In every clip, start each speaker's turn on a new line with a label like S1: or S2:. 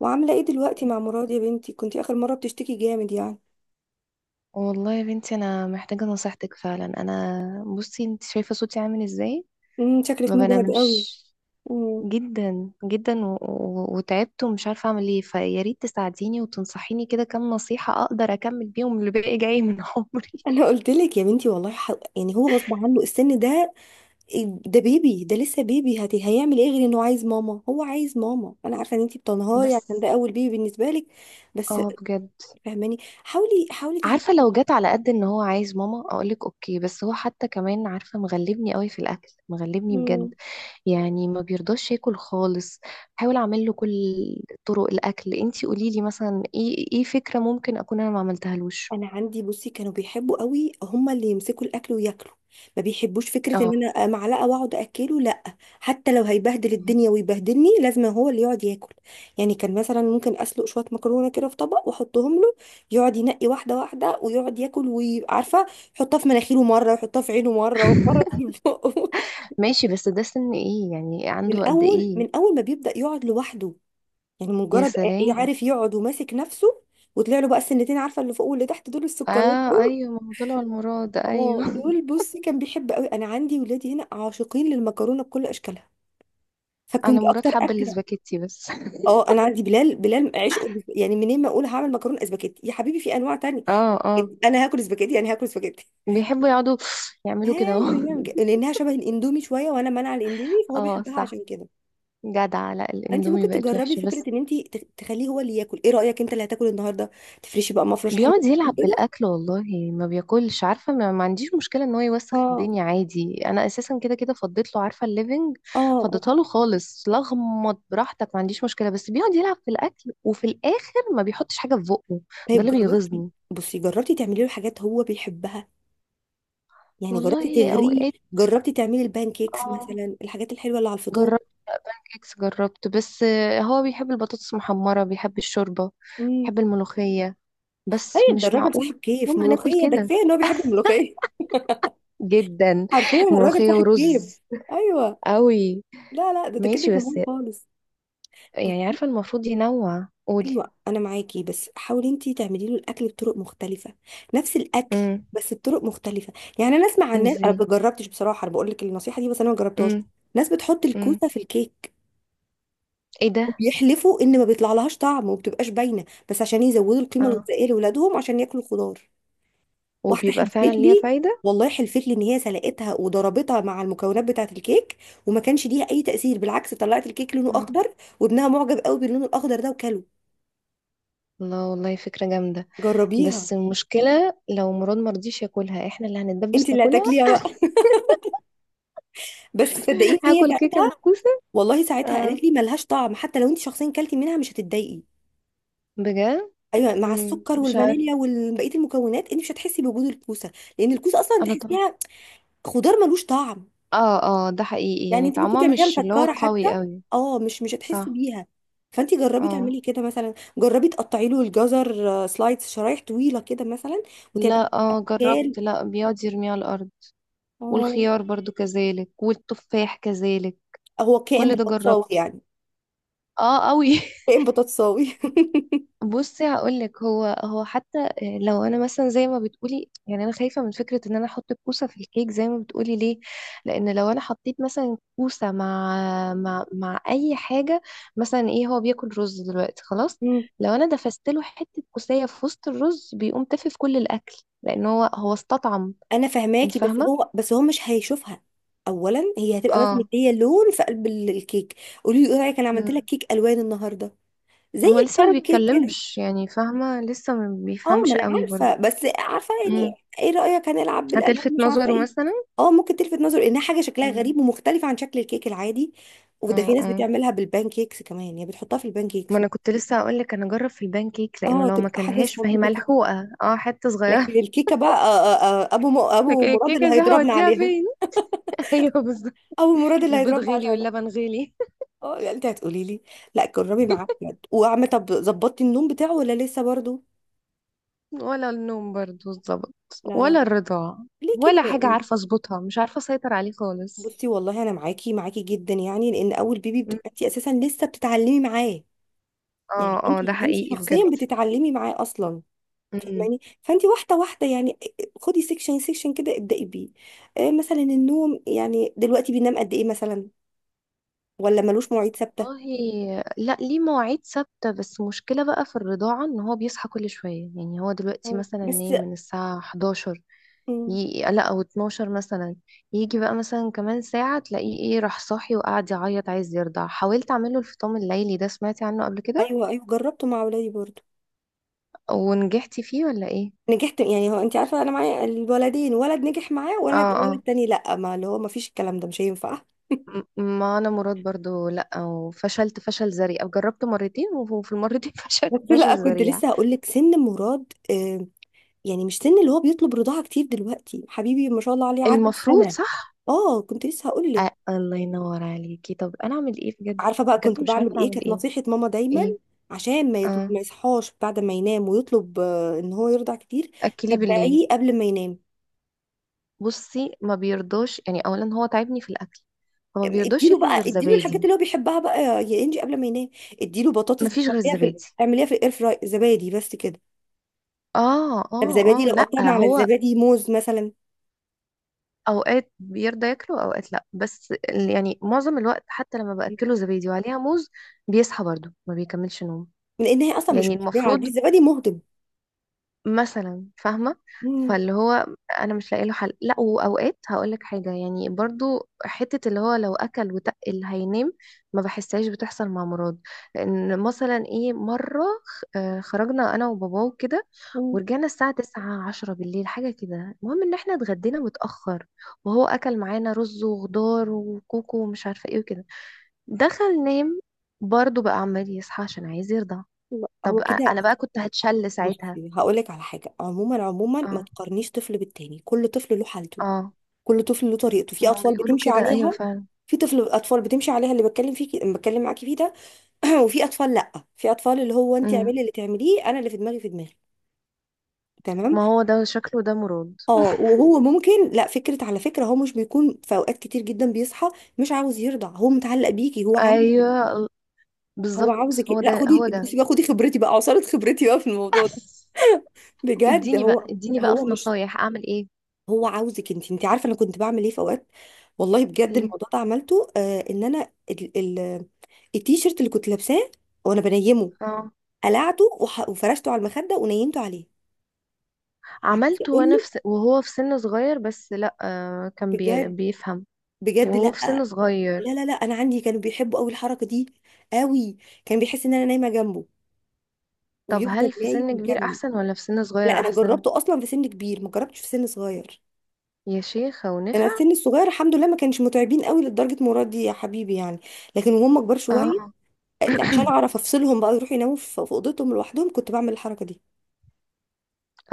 S1: وعاملة ايه دلوقتي مع مراد يا بنتي؟ كنتي اخر مرة بتشتكي جامد يعني.
S2: والله يا بنتي، انا محتاجه نصيحتك فعلا. انا بصي، انت شايفه صوتي عامل ازاي؟
S1: شكلك
S2: ما
S1: مجهد قوي.
S2: بنامش
S1: امم
S2: جدا جدا و... و... وتعبت ومش عارفه اعمل ايه. فيا ريت تساعديني وتنصحيني كده كام نصيحه اقدر اكمل بيهم اللي باقي جاي من عمري.
S1: انا قلت لك يا بنتي والله يعني هو غصب عنه السن ده. ده بيبي، ده لسه بيبي، هيعمل ايه غير انه عايز ماما؟ هو عايز ماما. انا عارفة ان انتي بتنهاري عشان
S2: بس
S1: ده اول بيبي بالنسبة لك. بس
S2: اه، بجد.
S1: فهماني. حاولي حاولي
S2: عارفه، لو جت على قد ان هو عايز ماما اقولك اوكي، بس هو حتى كمان عارفه مغلبني قوي في الاكل، مغلبني
S1: تعملي.
S2: بجد. يعني ما بيرضاش ياكل خالص. حاول اعمل له كل طرق الاكل. انتي قولي لي مثلا، ايه فكره ممكن اكون انا ما عملتهالوش.
S1: انا عندي بصي كانوا بيحبوا قوي هما اللي يمسكوا الاكل وياكلوا. ما بيحبوش فكره
S2: اه
S1: ان انا معلقه واقعد اكله، لا. حتى لو هيبهدل الدنيا ويبهدلني لازم هو اللي يقعد ياكل. يعني كان مثلا ممكن اسلق شويه مكرونه كده في طبق واحطهم له. يقعد ينقي واحده واحده ويقعد ياكل وعارفه. يحطها في مناخيره مره، يحطها في عينه مره، مره تيجي في بقه.
S2: ماشي. بس ده سن ايه؟ يعني عنده
S1: من
S2: قد
S1: اول،
S2: ايه؟
S1: من اول ما بيبدا يقعد لوحده. يعني
S2: يا
S1: مجرد
S2: سلام.
S1: عارف يقعد وماسك نفسه. وطلع له بقى السنتين، عارفه اللي فوق واللي تحت؟ دول السكرات
S2: اه
S1: دول.
S2: ايوه، ما هو طلع المراد.
S1: اه
S2: ايوه
S1: دول، بصي كان بيحب قوي. انا عندي ولادي هنا عاشقين للمكرونه بكل اشكالها.
S2: انا
S1: فكنت
S2: مراد
S1: اكتر
S2: حب
S1: اكله.
S2: الاسباجيتي بس
S1: اه انا عندي بلال، بلال عشقه يعني منين ما اقول هعمل مكرونه اسباجيتي يا حبيبي في انواع تانية.
S2: اه اه.
S1: انا هاكل اسباجيتي، انا هاكل اسباجيتي.
S2: بيحبوا يقعدوا يعملوا كده اهو
S1: ايوه يعمل كده لانها شبه الاندومي شويه وانا مانعه الاندومي فهو
S2: اه
S1: بيحبها
S2: صح.
S1: عشان كده.
S2: جدع. لا
S1: انت
S2: الاندومي
S1: ممكن
S2: بقت
S1: تجربي
S2: وحشه
S1: فكره
S2: بس.
S1: ان انت تخليه هو اللي ياكل. ايه رايك؟ انت اللي هتاكل النهارده. تفرشي بقى مفرش حلو
S2: بيقعد يلعب
S1: كده.
S2: بالأكل والله. ما بياكلش. عارفة، ما عنديش مشكلة ان هو يوسخ
S1: اه
S2: الدنيا عادي. انا اساسا كده كده فضيت له، عارفة، الليفينج.
S1: اه. آه.
S2: فضيتها له خالص، لغمط براحتك، ما عنديش مشكلة. بس بيقعد يلعب في الأكل وفي الآخر ما بيحطش حاجة في بقه. ده
S1: طيب
S2: اللي
S1: جربتي؟
S2: بيغيظني.
S1: بصي جربتي تعملي له حاجات هو بيحبها؟ يعني جربتي
S2: والله
S1: تغريه؟
S2: اوقات.
S1: جربتي تعملي البان كيكس
S2: اه
S1: مثلا، الحاجات الحلوه اللي على الفطار؟
S2: جربت. بانكيكس جربت. بس هو بيحب البطاطس المحمرة، بيحب الشوربة،
S1: امم
S2: بيحب الملوخية. بس
S1: طيب ده
S2: مش
S1: الراجل
S2: معقول
S1: صاحب كيف
S2: يوم هناكل
S1: ملوخيه، ده
S2: كده
S1: كفايه ان هو بيحب الملوخيه.
S2: جدا.
S1: حرفيا الراجل
S2: ملوخية
S1: صاحب كيف.
S2: ورز.
S1: ايوه.
S2: قوي.
S1: لا لا، ده ده كده
S2: ماشي بس.
S1: تمام خالص.
S2: يعني
S1: بص-
S2: عارفة المفروض ينوع. قولي.
S1: ايوه انا معاكي، بس حاولي انتي تعملي له الاكل بطرق مختلفه. نفس الاكل
S2: امم.
S1: بس بطرق مختلفه. يعني انا اسمع عن ناس، انا
S2: ازاي؟
S1: ما جربتش بصراحه، انا بقول لك النصيحه دي بس انا ما جربتهاش.
S2: امم.
S1: ناس بتحط
S2: امم.
S1: الكوسه في الكيك،
S2: ايه ده؟
S1: وبيحلفوا ان ما بيطلع لهاش طعم وما بتبقاش باينه، بس عشان يزودوا القيمه
S2: اه.
S1: الغذائيه لاولادهم عشان ياكلوا خضار. واحده
S2: وبيبقى
S1: حلفت
S2: فعلا ليها
S1: لي،
S2: فايدة؟
S1: والله حلفت لي ان هي سلقتها وضربتها مع المكونات بتاعه الكيك، وما كانش ليها اي تاثير. بالعكس طلعت الكيك لونه
S2: آه.
S1: اخضر، وابنها معجب قوي باللون الاخضر ده وكله.
S2: الله والله فكرة جامدة.
S1: جربيها.
S2: بس المشكلة لو مراد مرضيش ياكلها، احنا اللي
S1: انت
S2: هنتدبس
S1: اللي
S2: ناكلها
S1: هتاكليها بقى. بس صدقيني هي
S2: هاكل كيكة
S1: ساعتها،
S2: بالكوسة.
S1: والله ساعتها
S2: اه.
S1: قالت لي ملهاش طعم. حتى لو انت شخصيا كلتي منها مش هتتضايقي.
S2: بجد.
S1: ايوه مع السكر
S2: مش عارف.
S1: والفانيليا وبقيه المكونات انت مش هتحسي بوجود الكوسه. لان الكوسه اصلا
S2: انا طبعا.
S1: تحسيها خضار ملوش طعم.
S2: اه اه، ده حقيقي،
S1: يعني
S2: يعني
S1: انت ممكن
S2: طعمها
S1: تعمليها
S2: مش اللي هو
S1: مسكره حتى.
S2: قوي قوي.
S1: اه، مش هتحسي
S2: صح.
S1: بيها. فانت جربي
S2: اه
S1: تعملي كده. مثلا جربي تقطعي له الجزر سلايس، شرايح طويله كده مثلا. وتعملي.
S2: لا اه
S1: كان
S2: جربت، لا بيقعد يرميها على الارض.
S1: اه.
S2: والخيار برضو كذلك والتفاح كذلك.
S1: هو كائن
S2: كل ده
S1: بطاطساوي
S2: جربته.
S1: يعني.
S2: اه قوي
S1: كائن بطاطساوي.
S2: بصي هقولك، هو حتى لو انا مثلا زي ما بتقولي، يعني انا خايفه من فكره ان انا احط الكوسه في الكيك زي ما بتقولي. ليه؟ لان لو انا حطيت مثلا كوسه مع اي حاجه، مثلا ايه، هو بياكل رز دلوقتي خلاص،
S1: مم.
S2: لو انا دفست له حته كوسيه في وسط الرز بيقوم تافه في كل الاكل، لان هو استطعم.
S1: انا
S2: انت
S1: فهماكي بس
S2: فاهمه.
S1: هو مش هيشوفها. اولا هي هتبقى بس
S2: اه.
S1: مديه لون في قلب الكيك. قولي له ايه رايك؟ انا عملت لك
S2: مم.
S1: كيك الوان النهارده، زي
S2: هو لسه ما
S1: الكارب كيك كده.
S2: بيتكلمش، يعني فاهمه لسه ما
S1: اه، ما
S2: بيفهمش
S1: انا
S2: قوي برضه.
S1: عارفه بس عارفه يعني. ايه رايك هنلعب بالالعاب
S2: هتلفت
S1: مش عارفه
S2: نظره
S1: ايه.
S2: مثلا.
S1: اه ممكن تلفت نظر انها حاجه شكلها غريب
S2: مم.
S1: ومختلفه عن شكل الكيك العادي. وده
S2: اه
S1: في ناس
S2: اه،
S1: بتعملها بالبان كيكس كمان، يعني بتحطها في البان
S2: ما
S1: كيكس.
S2: انا كنت لسه هقول لك انا اجرب في البان كيك، لانه
S1: اه
S2: لو ما
S1: تبقى حاجه
S2: كلهاش فهي
S1: سبونتوطه كده.
S2: ملحوقه، حته
S1: لكن
S2: صغيره
S1: الكيكه بقى آه آه آه، ابو
S2: لكن
S1: مراد اللي
S2: الكيكه دي
S1: هيضربنا
S2: هوديها
S1: عليها.
S2: فين؟ ايوه بالظبط.
S1: ابو مراد اللي
S2: البيض
S1: هيضربنا
S2: غلي
S1: عشانها.
S2: واللبن غلي
S1: اه يعني انت هتقولي لي لا. جربي معاه بجد. وعم طب، ظبطتي النوم بتاعه ولا لسه برضه؟
S2: ولا النوم برضو اتظبط،
S1: لا لا.
S2: ولا الرضاعه،
S1: ليه كده
S2: ولا حاجه
S1: يعني؟
S2: عارفه اظبطها. مش عارفه اسيطر عليه خالص.
S1: بصي والله انا معاكي، معاكي جدا. يعني لان اول بيبي
S2: م.
S1: بتبقى انت اساسا لسه بتتعلمي معاه. يعني
S2: اه
S1: انت،
S2: اه ده
S1: انت
S2: حقيقي
S1: شخصيا
S2: بجد.
S1: بتتعلمي معاه اصلا.
S2: مم.
S1: فاهماني؟ فانت واحده واحده يعني. خدي سيكشن سيكشن كده ابدأي بيه. آه مثلا النوم، يعني دلوقتي بينام قد ايه مثلا؟ ولا ملوش مواعيد ثابته؟
S2: والله لا، ليه مواعيد ثابتة. بس مشكلة بقى في الرضاعة ان هو بيصحى كل شوية. يعني هو دلوقتي
S1: مم.
S2: مثلا
S1: بس.
S2: نايم من الساعة 11،
S1: مم.
S2: لا او 12 مثلا، يجي بقى مثلا كمان ساعة تلاقيه ايه، راح صاحي وقاعد يعيط عايز يرضع. حاولت اعمله الفطام الليلي ده، سمعتي عنه قبل كده؟
S1: ايوه ايوه، جربته مع ولادي برضو.
S2: ونجحتي فيه ولا ايه؟
S1: نجحت يعني. هو انت عارفه انا معايا الولدين، ولد نجح معاه، ولد،
S2: اه
S1: الولد
S2: اه.
S1: التاني لا، ما اللي هو ما فيش، الكلام ده مش هينفع.
S2: ما انا مراد برضو لا، وفشلت فشل ذريع. جربت مرتين وفي المرتين فشلت
S1: بس
S2: فشل
S1: لا، كنت
S2: ذريع.
S1: لسه هقول لك سن مراد يعني مش سن اللي هو بيطلب رضاعة كتير دلوقتي. حبيبي ما شاء الله عليه عدى
S2: المفروض
S1: السنة.
S2: صح.
S1: اه كنت لسه هقول لك.
S2: الله ينور عليكي. طب انا اعمل ايه بجد؟
S1: عارفة بقى
S2: بجد
S1: كنت
S2: مش
S1: بعمل
S2: عارفه
S1: ايه؟
S2: اعمل
S1: كانت
S2: ايه.
S1: نصيحة ماما دايما،
S2: ايه؟
S1: عشان ما يطلب،
S2: اه.
S1: ما يصحاش بعد ما ينام ويطلب ان هو يرضع كتير.
S2: اكلي بالليل.
S1: تبعيه قبل ما ينام.
S2: بصي ما بيرضاش، يعني اولا هو تعبني في الاكل، فما بيرضاش
S1: اديله
S2: ياكل غير
S1: بقى، اديله الحاجات
S2: زبادي.
S1: اللي هو بيحبها بقى يا، يا انجي قبل ما ينام. اديله بطاطس
S2: ما فيش غير
S1: بتعمليها في
S2: زبادي.
S1: اعمليها في الاير فراي. زبادي بس كده.
S2: اه
S1: طب
S2: اه
S1: زبادي
S2: اه.
S1: لو
S2: لا
S1: قطعنا على
S2: هو
S1: الزبادي، موز مثلا.
S2: اوقات بيرضى ياكله اوقات لا، بس يعني معظم الوقت حتى لما باكله زبادي وعليها موز، بيصحى برضه ما بيكملش نوم.
S1: لان هي اصلا مش
S2: يعني
S1: مشبعه،
S2: المفروض
S1: دي الزبادي مهضم.
S2: مثلا، فاهمة.
S1: مم.
S2: فاللي هو، انا مش لاقي له حل. لا، واوقات هقول لك حاجة، يعني برضو حتة اللي هو لو اكل وتقل اللي هينام، ما بحسهاش بتحصل مع مراد. لان مثلا ايه، مرة خرجنا انا وباباه وكده،
S1: مم.
S2: ورجعنا الساعة 9 بالليل حاجة كده. المهم ان احنا اتغدينا متأخر، وهو اكل معانا رز وخضار وكوكو ومش عارفة ايه وكده. دخل نام، برضو بقى عمال يصحى عشان عايز يرضع.
S1: لا، هو
S2: طب
S1: كده.
S2: انا بقى كنت هتشل ساعتها.
S1: بصي هقولك على حاجة عموما، عموما ما
S2: اه
S1: تقارنيش طفل بالتاني، كل طفل له حالته.
S2: اه.
S1: كل طفل له طريقته. في
S2: ما
S1: أطفال
S2: بيقولوا
S1: بتمشي
S2: كده، ايوه
S1: عليها.
S2: فعلا.
S1: في طفل، أطفال بتمشي عليها اللي بتكلم فيك، بتكلم معاكي فيه ده. وفي أطفال لأ. في أطفال اللي هو أنت
S2: امم.
S1: اعملي اللي تعمليه، أنا اللي في دماغي في دماغي. تمام.
S2: ما هو ده شكله ده مراد.
S1: اه. وهو ممكن لا، فكرة على فكرة هو مش بيكون في أوقات كتير جدا بيصحى مش عاوز يرضع. هو متعلق بيكي، هو عايز،
S2: ايوه
S1: هو عاوزك.
S2: بالظبط، هو
S1: لا
S2: ده
S1: خدي
S2: هو ده.
S1: بصي بقى، خدي خبرتي بقى، عصارة خبرتي بقى في الموضوع ده. بجد.
S2: اديني بقى
S1: هو
S2: اديني بقى
S1: هو
S2: في
S1: مش
S2: نصايح، اعمل ايه؟
S1: هو عاوزك انت. انت عارفه انا كنت بعمل ايه في اوقات؟ والله بجد
S2: ايه؟
S1: الموضوع ده عملته آه. ان انا ال التيشيرت اللي كنت لابساه وانا بنيمه
S2: اه
S1: قلعته وفرشته على المخده ونيمته عليه. عايزه
S2: عملته
S1: اقول
S2: وانا
S1: لك
S2: وهو في سن صغير، بس لا كان
S1: بجد،
S2: بيفهم.
S1: بجد
S2: وهو
S1: لا.
S2: في سن صغير.
S1: لا. انا عندي كانوا بيحبوا قوي الحركه دي، قوي. كان بيحس ان انا نايمه جنبه،
S2: طب
S1: ويفضل
S2: هل في
S1: نايم
S2: سن كبير
S1: ومكمل.
S2: احسن ولا في سن
S1: لا
S2: صغير
S1: انا
S2: احسن؟
S1: جربته اصلا في سن كبير، ما جربتش في سن صغير.
S2: يا شيخة،
S1: انا
S2: ونفع؟
S1: السن الصغير الحمد لله ما كانش متعبين قوي لدرجه مراد يا حبيبي يعني. لكن وهم كبار شويه،
S2: اه.
S1: عشان اعرف افصلهم بقى يروحوا يناموا في في اوضتهم لوحدهم، كنت بعمل الحركه دي.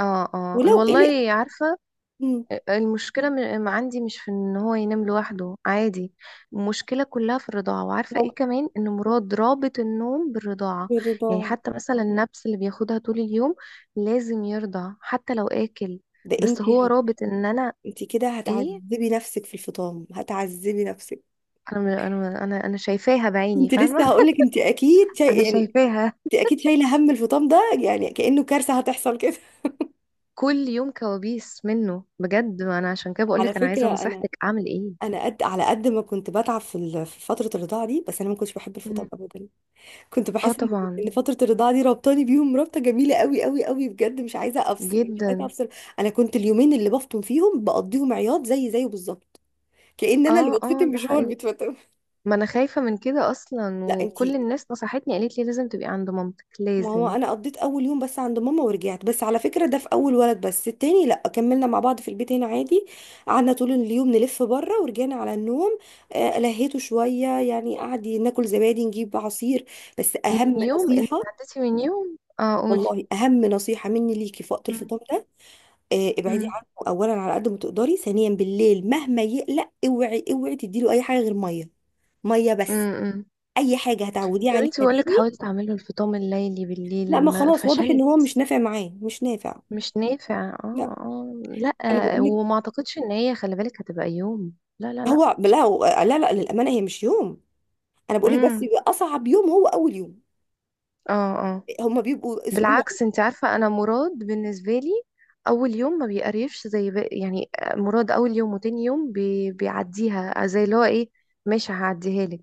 S2: اه اه،
S1: ولو قلق،
S2: والله عارفة.
S1: مم،
S2: المشكلة عندي مش في ان هو ينام لوحده، عادي. المشكلة كلها في الرضاعة. وعارفة ايه
S1: موقف
S2: كمان، ان مراد رابط النوم بالرضاعة. يعني
S1: الرضاعه.
S2: حتى مثلا النبس اللي بياخدها طول اليوم، لازم يرضع حتى لو اكل.
S1: ده
S2: بس
S1: انت
S2: هو رابط ان انا
S1: انت كده
S2: ايه.
S1: هتعذبي نفسك في الفطام، هتعذبي نفسك.
S2: انا انا شايفاها بعيني،
S1: انت لسه
S2: فاهمة
S1: هقول لك انت اكيد
S2: انا
S1: يعني
S2: شايفاها.
S1: انت اكيد شايله هم الفطام ده يعني كانه كارثه هتحصل كده.
S2: كل يوم كوابيس منه بجد. ما انا عشان كده
S1: على
S2: بقولك انا عايزة
S1: فكره انا،
S2: نصيحتك، اعمل ايه؟
S1: انا قد، على قد ما كنت بتعب في في فتره الرضاعه دي، بس انا ما كنتش بحب
S2: مم.
S1: الفطام ابدا. كنت
S2: اه
S1: بحس ان،
S2: طبعا.
S1: إن فتره الرضاعه دي ربطاني بيهم رابطه جميله قوي قوي قوي بجد. مش عايزه افصل، مش عايزه
S2: جدا.
S1: افصل. انا كنت اليومين اللي بفطم فيهم بقضيهم عياط زي زيه بالظبط. كأن انا اللي
S2: اه اه
S1: بتفتن
S2: ده
S1: مش هو اللي
S2: حقيقي.
S1: بيتفتن.
S2: ما انا خايفة من كده اصلا.
S1: لا
S2: وكل
S1: انتي.
S2: الناس نصحتني قالت لي لازم تبقي عند مامتك،
S1: ما هو
S2: لازم.
S1: انا قضيت اول يوم بس عند ماما ورجعت، بس على فكره ده في اول ولد، بس التاني لا كملنا مع بعض في البيت هنا عادي. قعدنا طول اليوم لف بره ورجعنا على النوم. آه لهيته شويه يعني، قعد ناكل زبادي نجيب عصير. بس اهم
S2: من يوم انت
S1: نصيحه،
S2: عدتي، من يوم قولي.
S1: والله اهم نصيحه مني ليكي في وقت
S2: مم.
S1: الفطام، ابعدي
S2: مم.
S1: عنه اولا على قد ما تقدري. ثانيا بالليل مهما يقلق اوعي اوعي تديله اي حاجه غير ميه. ميه
S2: مم.
S1: بس.
S2: مم.
S1: اي حاجه هتعوديه
S2: يا
S1: عليها
S2: بنتي بقولك
S1: تاني.
S2: حاولت اعمله الفطام الليلي
S1: لا
S2: بالليل،
S1: ما
S2: ما
S1: خلاص واضح ان
S2: فشلت.
S1: هو مش نافع معاه، مش نافع.
S2: مش نافع، اه.
S1: لا
S2: اه لا،
S1: انا بقول لك.
S2: وما اعتقدش ان هي، خلي بالك هتبقى يوم، لا لا لا.
S1: هو لا لا للامانه هي مش يوم. انا بقول لك بس
S2: امم.
S1: بيبقى اصعب يوم هو اول يوم.
S2: اه آه.
S1: هما بيبقوا اسبوع.
S2: بالعكس، انت عارفة انا مراد بالنسبة لي اول يوم ما بيقريفش زي بقى، يعني. مراد اول يوم وتاني يوم بيعديها زي اللي هو ايه، ماشي هعديها لك.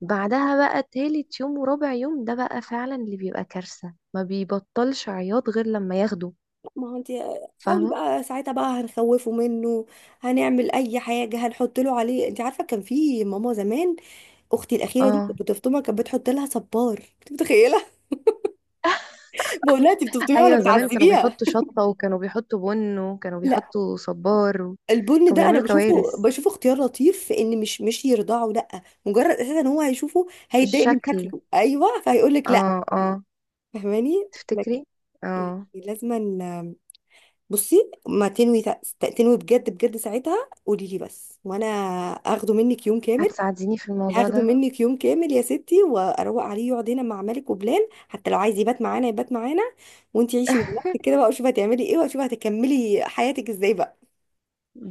S2: بعدها بقى تالت يوم ورابع يوم، ده بقى فعلا اللي بيبقى كارثة، ما بيبطلش عياط غير لما ياخده.
S1: ما هو انت حاولي
S2: فاهمة؟
S1: بقى، ساعتها بقى هنخوفه منه. هنعمل اي حاجه، هنحط له عليه. انت عارفه كان في ماما زمان، اختي الاخيره دي
S2: اه
S1: كانت بتفطمها، كانت بتحط لها صبار، انت متخيله؟ بقولها انت بتبطميها ولا
S2: ايوه، زمان كانوا
S1: بتعذبيها؟
S2: بيحطوا شطة، وكانوا بيحطوا بن، وكانوا
S1: لا
S2: بيحطوا صبار
S1: البن
S2: كانوا
S1: ده انا
S2: بيعملوا
S1: بشوفه،
S2: كوارث.
S1: بشوفه اختيار لطيف في ان مش يرضعه. لا مجرد اساسا ان هو هيشوفه هيتضايق من
S2: الشكل.
S1: شكله. ايوه فهيقول لك لا.
S2: اه اه.
S1: فاهماني لك؟
S2: تفتكري؟
S1: يعني
S2: اه.
S1: لازما. بصي ما تنوي تنوي بجد بجد ساعتها، قولي لي بس وانا اخده منك يوم كامل.
S2: هتساعديني في الموضوع
S1: هاخده
S2: ده؟
S1: منك يوم كامل يا ستي واروق عليه، يقعد هنا مع مالك وبلال، حتى لو عايز يبات معانا يبات معانا. وانتي عيشي من نفسك كده بقى، وشوفي هتعملي ايه، وشوفي هتكملي حياتك ازاي بقى.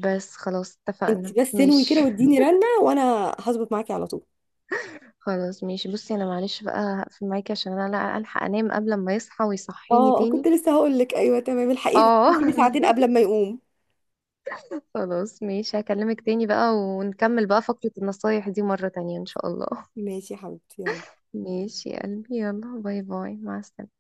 S2: بس خلاص، اتفقنا،
S1: انت بس انوي
S2: ماشي.
S1: كده واديني رنه وانا هظبط معاكي على طول.
S2: خلاص ماشي. بصي انا معلش بقى هقفل معاكي عشان انا لا الحق انام قبل ما يصحى ويصحيني
S1: اه كنت
S2: تاني.
S1: لسه هقول لك، ايوه تمام الحقيقه
S2: اه
S1: ممكن ساعتين قبل ما يقوم.
S2: خلاص ماشي، هكلمك تاني بقى، ونكمل بقى فقرة النصايح دي مرة تانية ان شاء الله
S1: ماشي يا حبيبتي، يلا.
S2: ماشي يا قلبي، يلا، باي باي، مع السلامة.